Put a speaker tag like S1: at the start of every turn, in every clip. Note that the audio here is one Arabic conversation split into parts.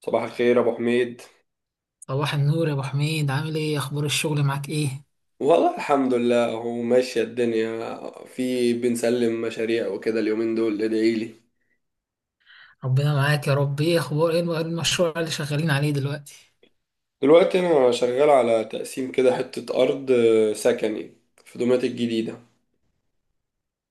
S1: صباح الخير ابو حميد.
S2: صباح النور يا ابو حميد، عامل ايه؟ اخبار الشغل معاك ايه؟
S1: والله الحمد لله، هو ماشية الدنيا، في بنسلم مشاريع وكده اليومين دول، ادعي لي.
S2: ربنا معاك يا رب. ايه المشروع اللي شغالين عليه دلوقتي؟
S1: دلوقتي انا شغال على تقسيم كده حتة ارض سكني، في دومات الجديدة.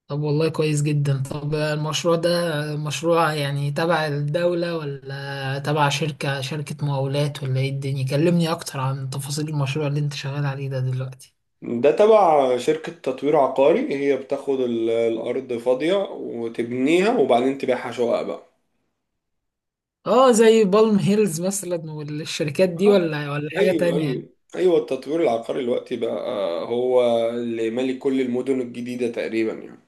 S2: طب والله كويس جدا. طب المشروع ده مشروع يعني تبع الدولة، ولا تبع شركة مقاولات، ولا ايه الدنيا؟ كلمني اكتر عن تفاصيل المشروع اللي انت شغال عليه ده دلوقتي.
S1: ده تبع شركة تطوير عقاري، هي بتاخد الارض فاضية وتبنيها وبعدين تبيعها شقق بقى.
S2: اه، زي بالم هيلز مثلا، والشركات دي،
S1: آه،
S2: ولا حاجة
S1: ايوه
S2: تانية؟
S1: ايوه. ايوه التطوير العقاري دلوقتي بقى هو اللي مالي كل المدن الجديدة تقريبا يعني.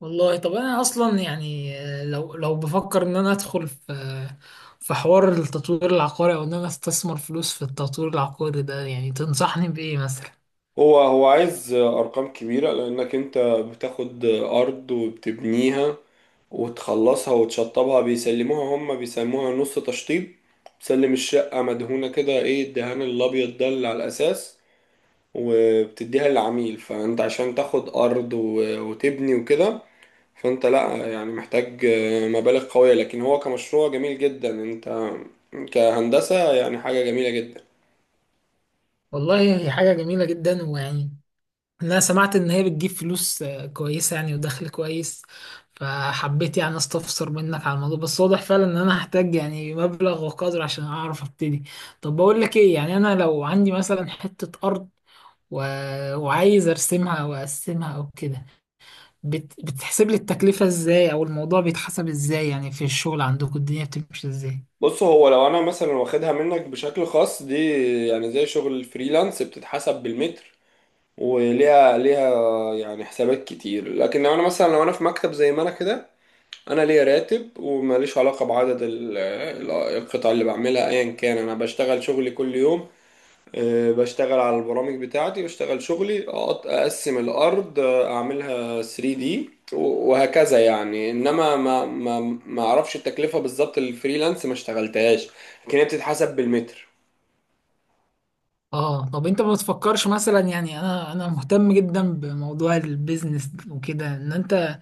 S2: والله طب انا اصلا يعني، لو بفكر ان انا ادخل في، في حوار التطوير العقاري، او ان انا استثمر فلوس في التطوير العقاري ده، يعني تنصحني بايه مثلا؟
S1: هو عايز أرقام كبيرة، لأنك أنت بتاخد أرض وبتبنيها وتخلصها وتشطبها. بيسلموها، هم بيسموها نص تشطيب، بتسلم الشقة مدهونة كده، إيه، الدهان الأبيض ده اللي على الأساس، وبتديها للعميل. فأنت عشان تاخد أرض وتبني وكده، فأنت لأ يعني محتاج مبالغ قوية. لكن هو كمشروع جميل جدا، أنت كهندسة يعني حاجة جميلة جدا.
S2: والله هي حاجة جميلة جدا، ويعني انا سمعت ان هي بتجيب فلوس كويسة يعني، ودخل كويس، فحبيت يعني استفسر منك على الموضوع. بس واضح فعلا ان انا هحتاج يعني مبلغ وقدر عشان اعرف ابتدي. طب بقول لك ايه، يعني انا لو عندي مثلا حتة ارض، و... وعايز ارسمها واقسمها او كده، بتحسب لي التكلفة ازاي، او الموضوع بيتحسب ازاي يعني؟ في الشغل عندكم الدنيا بتمشي ازاي؟
S1: بص، هو لو انا مثلا واخدها منك بشكل خاص دي، يعني زي شغل الفريلانس، بتتحسب بالمتر، وليها يعني حسابات كتير. لكن لو انا في مكتب زي ما انا كده، انا ليا راتب وماليش علاقة بعدد القطع اللي بعملها، ايا كان انا بشتغل شغلي كل يوم. بشتغل على البرامج بتاعتي، بشتغل شغلي، اقسم الارض، اعملها 3 دي وهكذا يعني. انما ما اعرفش التكلفه بالظبط، الفريلانس ما اشتغلتهاش، لكن هي بتتحسب بالمتر.
S2: اه، طب انت ما بتفكرش مثلا، يعني انا مهتم جدا بموضوع البيزنس وكده، ان انت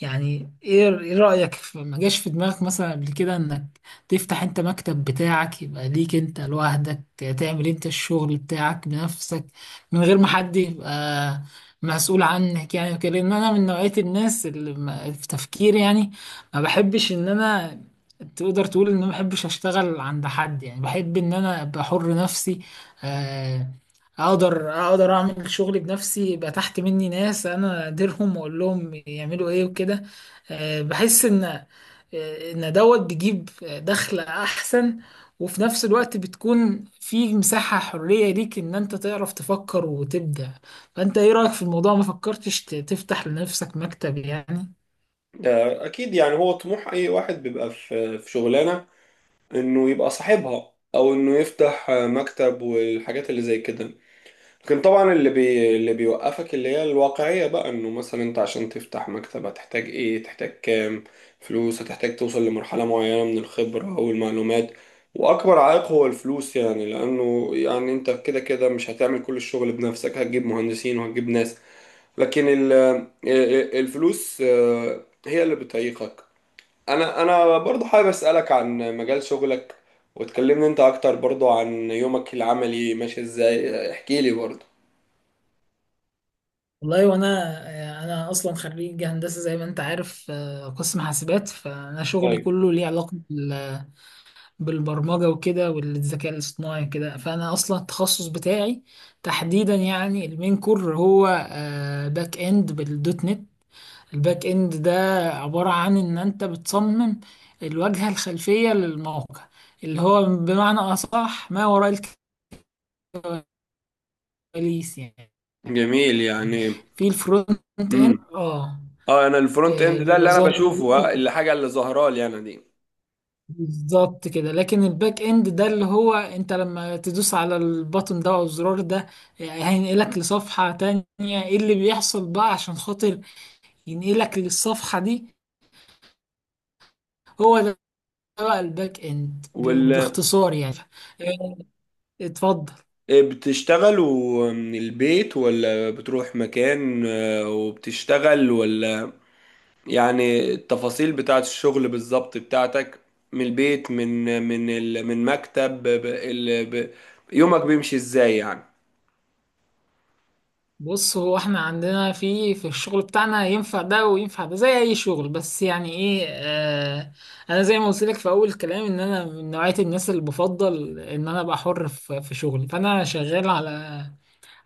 S2: يعني إيه رأيك في- ما جاش في دماغك مثلا قبل كده انك تفتح انت مكتب بتاعك، يبقى ليك انت لوحدك، تعمل انت الشغل بتاعك بنفسك من غير ما حد يبقى مسؤول عنك يعني وكده؟ لان انا من نوعية الناس اللي في تفكيري يعني ما بحبش ان انا، تقدر تقول ان ما بحبش اشتغل عند حد، يعني بحب ان انا ابقى حر نفسي. آه، اقدر اعمل شغلي بنفسي، يبقى تحت مني ناس انا اديرهم واقول لهم يعملوا ايه وكده. بحس ان، ان دوت بيجيب دخل احسن، وفي نفس الوقت بتكون في مساحة حرية ليك ان انت تعرف تفكر وتبدع. فانت ايه رأيك في الموضوع؟ ما فكرتش تفتح لنفسك مكتب يعني؟
S1: ده اكيد يعني، هو طموح اي واحد بيبقى في شغلانه انه يبقى صاحبها، او انه يفتح مكتب والحاجات اللي زي كده. لكن طبعا اللي بيوقفك اللي هي الواقعية بقى، انه مثلا انت عشان تفتح مكتب هتحتاج ايه، تحتاج كام فلوس، هتحتاج توصل لمرحلة معينة من الخبرة او المعلومات. واكبر عائق هو الفلوس يعني، لانه يعني انت كده كده مش هتعمل كل الشغل بنفسك، هتجيب مهندسين وهتجيب ناس. لكن الفلوس هي اللي بتعيقك. انا برضو حابب اسألك عن مجال شغلك، وتكلمني انت اكتر برضو عن يومك العملي ماشي ازاي، احكي لي برضو.
S2: والله، وانا انا اصلا خريج هندسة زي ما انت عارف، قسم حاسبات. فانا شغلي كله ليه علاقة بالبرمجة وكده والذكاء الاصطناعي وكده. فأنا أصلا التخصص بتاعي تحديدا يعني المين كور هو باك إند بالدوت نت. الباك إند ده عبارة عن إن أنت بتصمم الواجهة الخلفية للموقع، اللي هو بمعنى أصح ما وراء الكواليس يعني،
S1: جميل يعني.
S2: في الفرونت إند
S1: امم.
S2: اه.
S1: اه، انا الفرونت اند ده
S2: بيبقى
S1: اللي انا
S2: ظاهر
S1: بشوفه، اللي حاجه اللي ظاهره لي انا دي،
S2: بالظبط كده. لكن الباك اند ده اللي هو انت لما تدوس على البطن ده او الزرار ده، هينقلك لصفحة تانية. ايه اللي بيحصل بقى عشان خاطر ينقلك للصفحة دي؟ هو ده بقى الباك اند
S1: ولا
S2: باختصار يعني. إيه، اتفضل.
S1: إيه، بتشتغلوا من البيت ولا بتروح مكان وبتشتغل، ولا يعني التفاصيل بتاعت الشغل بالظبط بتاعتك، من البيت، من مكتب، يومك بيمشي ازاي يعني.
S2: بص، هو احنا عندنا في الشغل بتاعنا ينفع ده وينفع ده زي اي شغل. بس يعني ايه، آه انا زي ما قلت لك في اول الكلام ان انا من نوعية الناس اللي بفضل ان انا ابقى حر في شغلي، فانا شغال على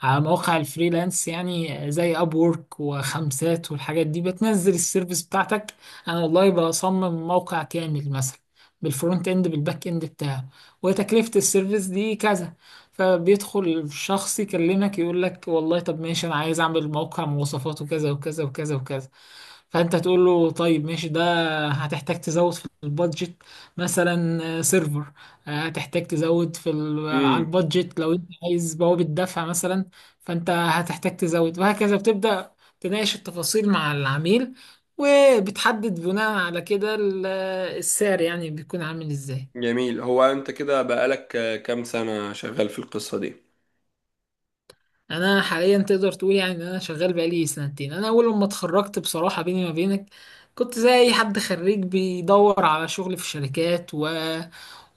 S2: مواقع الفريلانس، يعني زي اب وورك وخمسات والحاجات دي. بتنزل السيرفيس بتاعتك. انا والله بصمم موقع كامل مثلا، بالفرونت اند بالباك اند بتاعه، وتكلفة السيرفيس دي كذا. فبيدخل الشخص يكلمك يقول لك، والله طب ماشي، انا عايز اعمل موقع مواصفاته كذا وكذا وكذا وكذا. فانت تقول له طيب ماشي، ده هتحتاج تزود في البادجت. مثلا سيرفر، هتحتاج تزود في على
S1: امم.
S2: البادجت لو انت عايز بوابة دفع مثلا. فانت هتحتاج تزود، وهكذا. بتبدأ تناقش التفاصيل مع العميل، وبتحدد بناء على كده السعر يعني بيكون عامل ازاي.
S1: جميل. هو انت كده بقالك كام سنة شغال في القصة دي؟
S2: انا حاليا تقدر تقول يعني ان انا شغال بقالي سنتين. انا اول لما اتخرجت، بصراحة بيني ما بينك، كنت زي اي حد خريج بيدور على شغل في الشركات، و...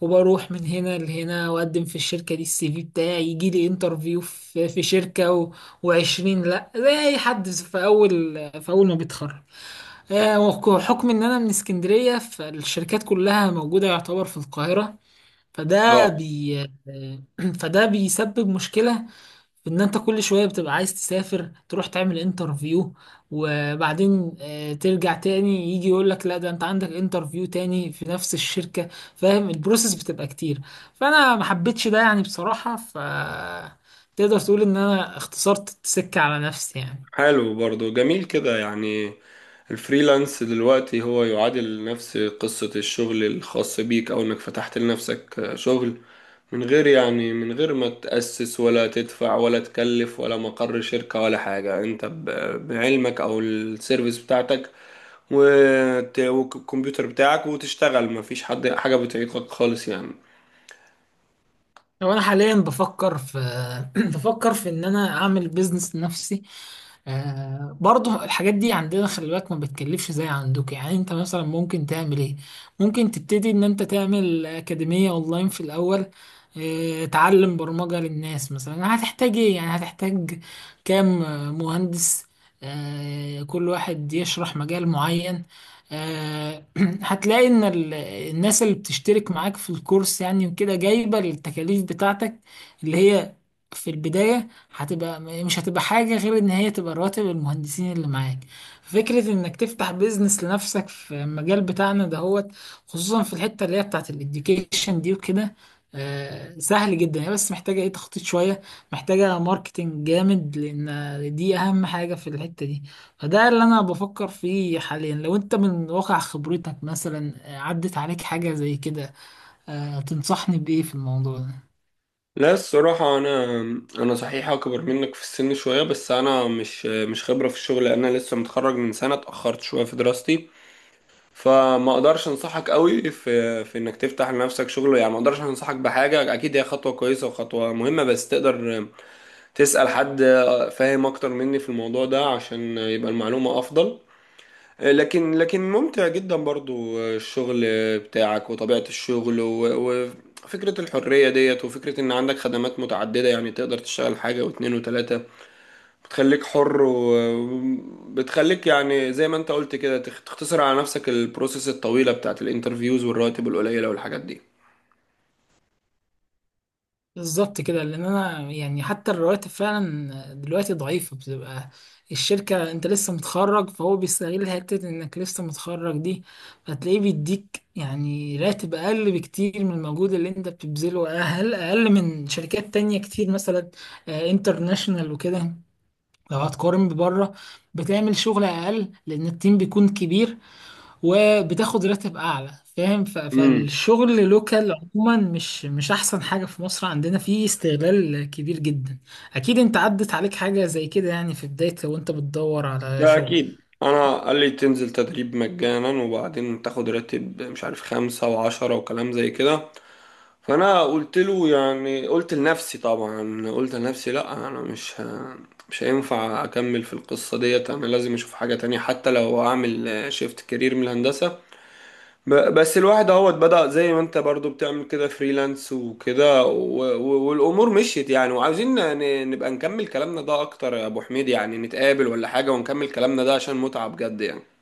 S2: وبروح من هنا لهنا، واقدم في الشركة دي، الـCV بتاعي يجي لي انترفيو في شركة، وعشرين، لا، زي اي حد في اول ما بيتخرج. آه، وحكم ان انا من اسكندريه، فالشركات كلها موجوده يعتبر في القاهره. فده بي آه، فده بيسبب مشكله في ان انت كل شويه بتبقى عايز تسافر تروح تعمل انترفيو، وبعدين ترجع تاني، يجي يقول لك لا ده انت عندك انترفيو تاني في نفس الشركه، فاهم؟ البروسيس بتبقى كتير، فانا ما حبيتش ده يعني بصراحه. تقدر تقول ان انا اختصرت السكه على نفسي يعني.
S1: حلو، برضو جميل كده يعني. الفريلانس دلوقتي هو يعادل نفس قصة الشغل الخاص بيك، أو إنك فتحت لنفسك شغل من غير، يعني من غير ما تأسس ولا تدفع ولا تكلف ولا مقر شركة ولا حاجة. أنت بعلمك أو السيرفيس بتاعتك والكمبيوتر بتاعك وتشتغل، مفيش حد حاجة بتعيقك خالص يعني.
S2: هو انا حاليا بفكر في، بفكر في ان انا اعمل بيزنس لنفسي. آه برضه الحاجات دي عندنا خلي بالك ما بتكلفش زي عندك. يعني انت مثلا ممكن تعمل ايه؟ ممكن تبتدي ان انت تعمل اكاديمية اونلاين في الاول، آه تعلم برمجة للناس مثلا. هتحتاج ايه يعني؟ هتحتاج كام مهندس، آه كل واحد يشرح مجال معين. آه هتلاقي ان الناس اللي بتشترك معاك في الكورس يعني وكده جايبة التكاليف بتاعتك، اللي هي في البداية هتبقى، مش هتبقى حاجة غير ان هي تبقى رواتب المهندسين اللي معاك. فكرة انك تفتح بيزنس لنفسك في المجال بتاعنا دهوت، خصوصا في الحتة اللي هي بتاعت الاديوكيشن دي وكده، سهل جدا. هي بس محتاجة ايه، تخطيط شوية، محتاجة ماركتينج جامد، لان دي اهم حاجة في الحتة دي. فده اللي انا بفكر فيه حاليا. لو انت من واقع خبرتك مثلا عدت عليك حاجة زي كده، تنصحني بإيه في الموضوع ده؟
S1: لا، الصراحة أنا صحيح أكبر منك في السن شوية، بس أنا مش خبرة في الشغل، أنا لسه متخرج من سنة، اتأخرت شوية في دراستي. فما أقدرش أنصحك قوي في إنك تفتح لنفسك شغل يعني، ما أقدرش أنصحك بحاجة. أكيد هي خطوة كويسة وخطوة مهمة، بس تقدر تسأل حد فاهم أكتر مني في الموضوع ده عشان يبقى المعلومة أفضل. لكن ممتع جدا برضو الشغل بتاعك وطبيعة الشغل وفكرة الحرية ديت، وفكرة ان عندك خدمات متعددة، يعني تقدر تشتغل حاجة واتنين وتلاتة، بتخليك حر وبتخليك يعني زي ما انت قلت كده، تختصر على نفسك البروسيس الطويلة بتاعت الانترفيوز والرواتب القليلة والحاجات دي.
S2: بالظبط كده. لان انا يعني حتى الرواتب فعلا دلوقتي ضعيفه، بتبقى الشركه انت لسه متخرج فهو بيستغل حته انك لسه متخرج دي، فتلاقيه بيديك يعني راتب اقل بكتير من المجهود اللي انت بتبذله، اقل اقل من شركات تانية كتير مثلا انترناشونال وكده. لو هتقارن ببره، بتعمل شغل اقل لان التيم بيكون كبير، وبتاخد راتب اعلى. فاهم؟
S1: امم.
S2: فالشغل لوكال عموما، مش احسن حاجة. في مصر عندنا فيه استغلال كبير جدا. اكيد انت عدت عليك حاجة زي كده يعني في بداية لو انت بتدور على
S1: ده
S2: شغل
S1: اكيد، انا قال لي تنزل تدريب مجانا وبعدين تاخد راتب مش عارف خمسة وعشرة وكلام زي كده، فانا قلت له، يعني قلت لنفسي طبعا، قلت لنفسي لا، انا مش هينفع اكمل في القصه ديت، انا لازم اشوف حاجه تانية حتى لو اعمل شيفت كارير من الهندسه. بس الواحد اهوت بدأ زي ما انت برضو بتعمل كده فريلانس وكده والامور مشيت يعني. وعاوزين نبقى نكمل كلامنا ده اكتر يا ابو حميد، يعني نتقابل ولا حاجه ونكمل كلامنا ده عشان متعه بجد يعني.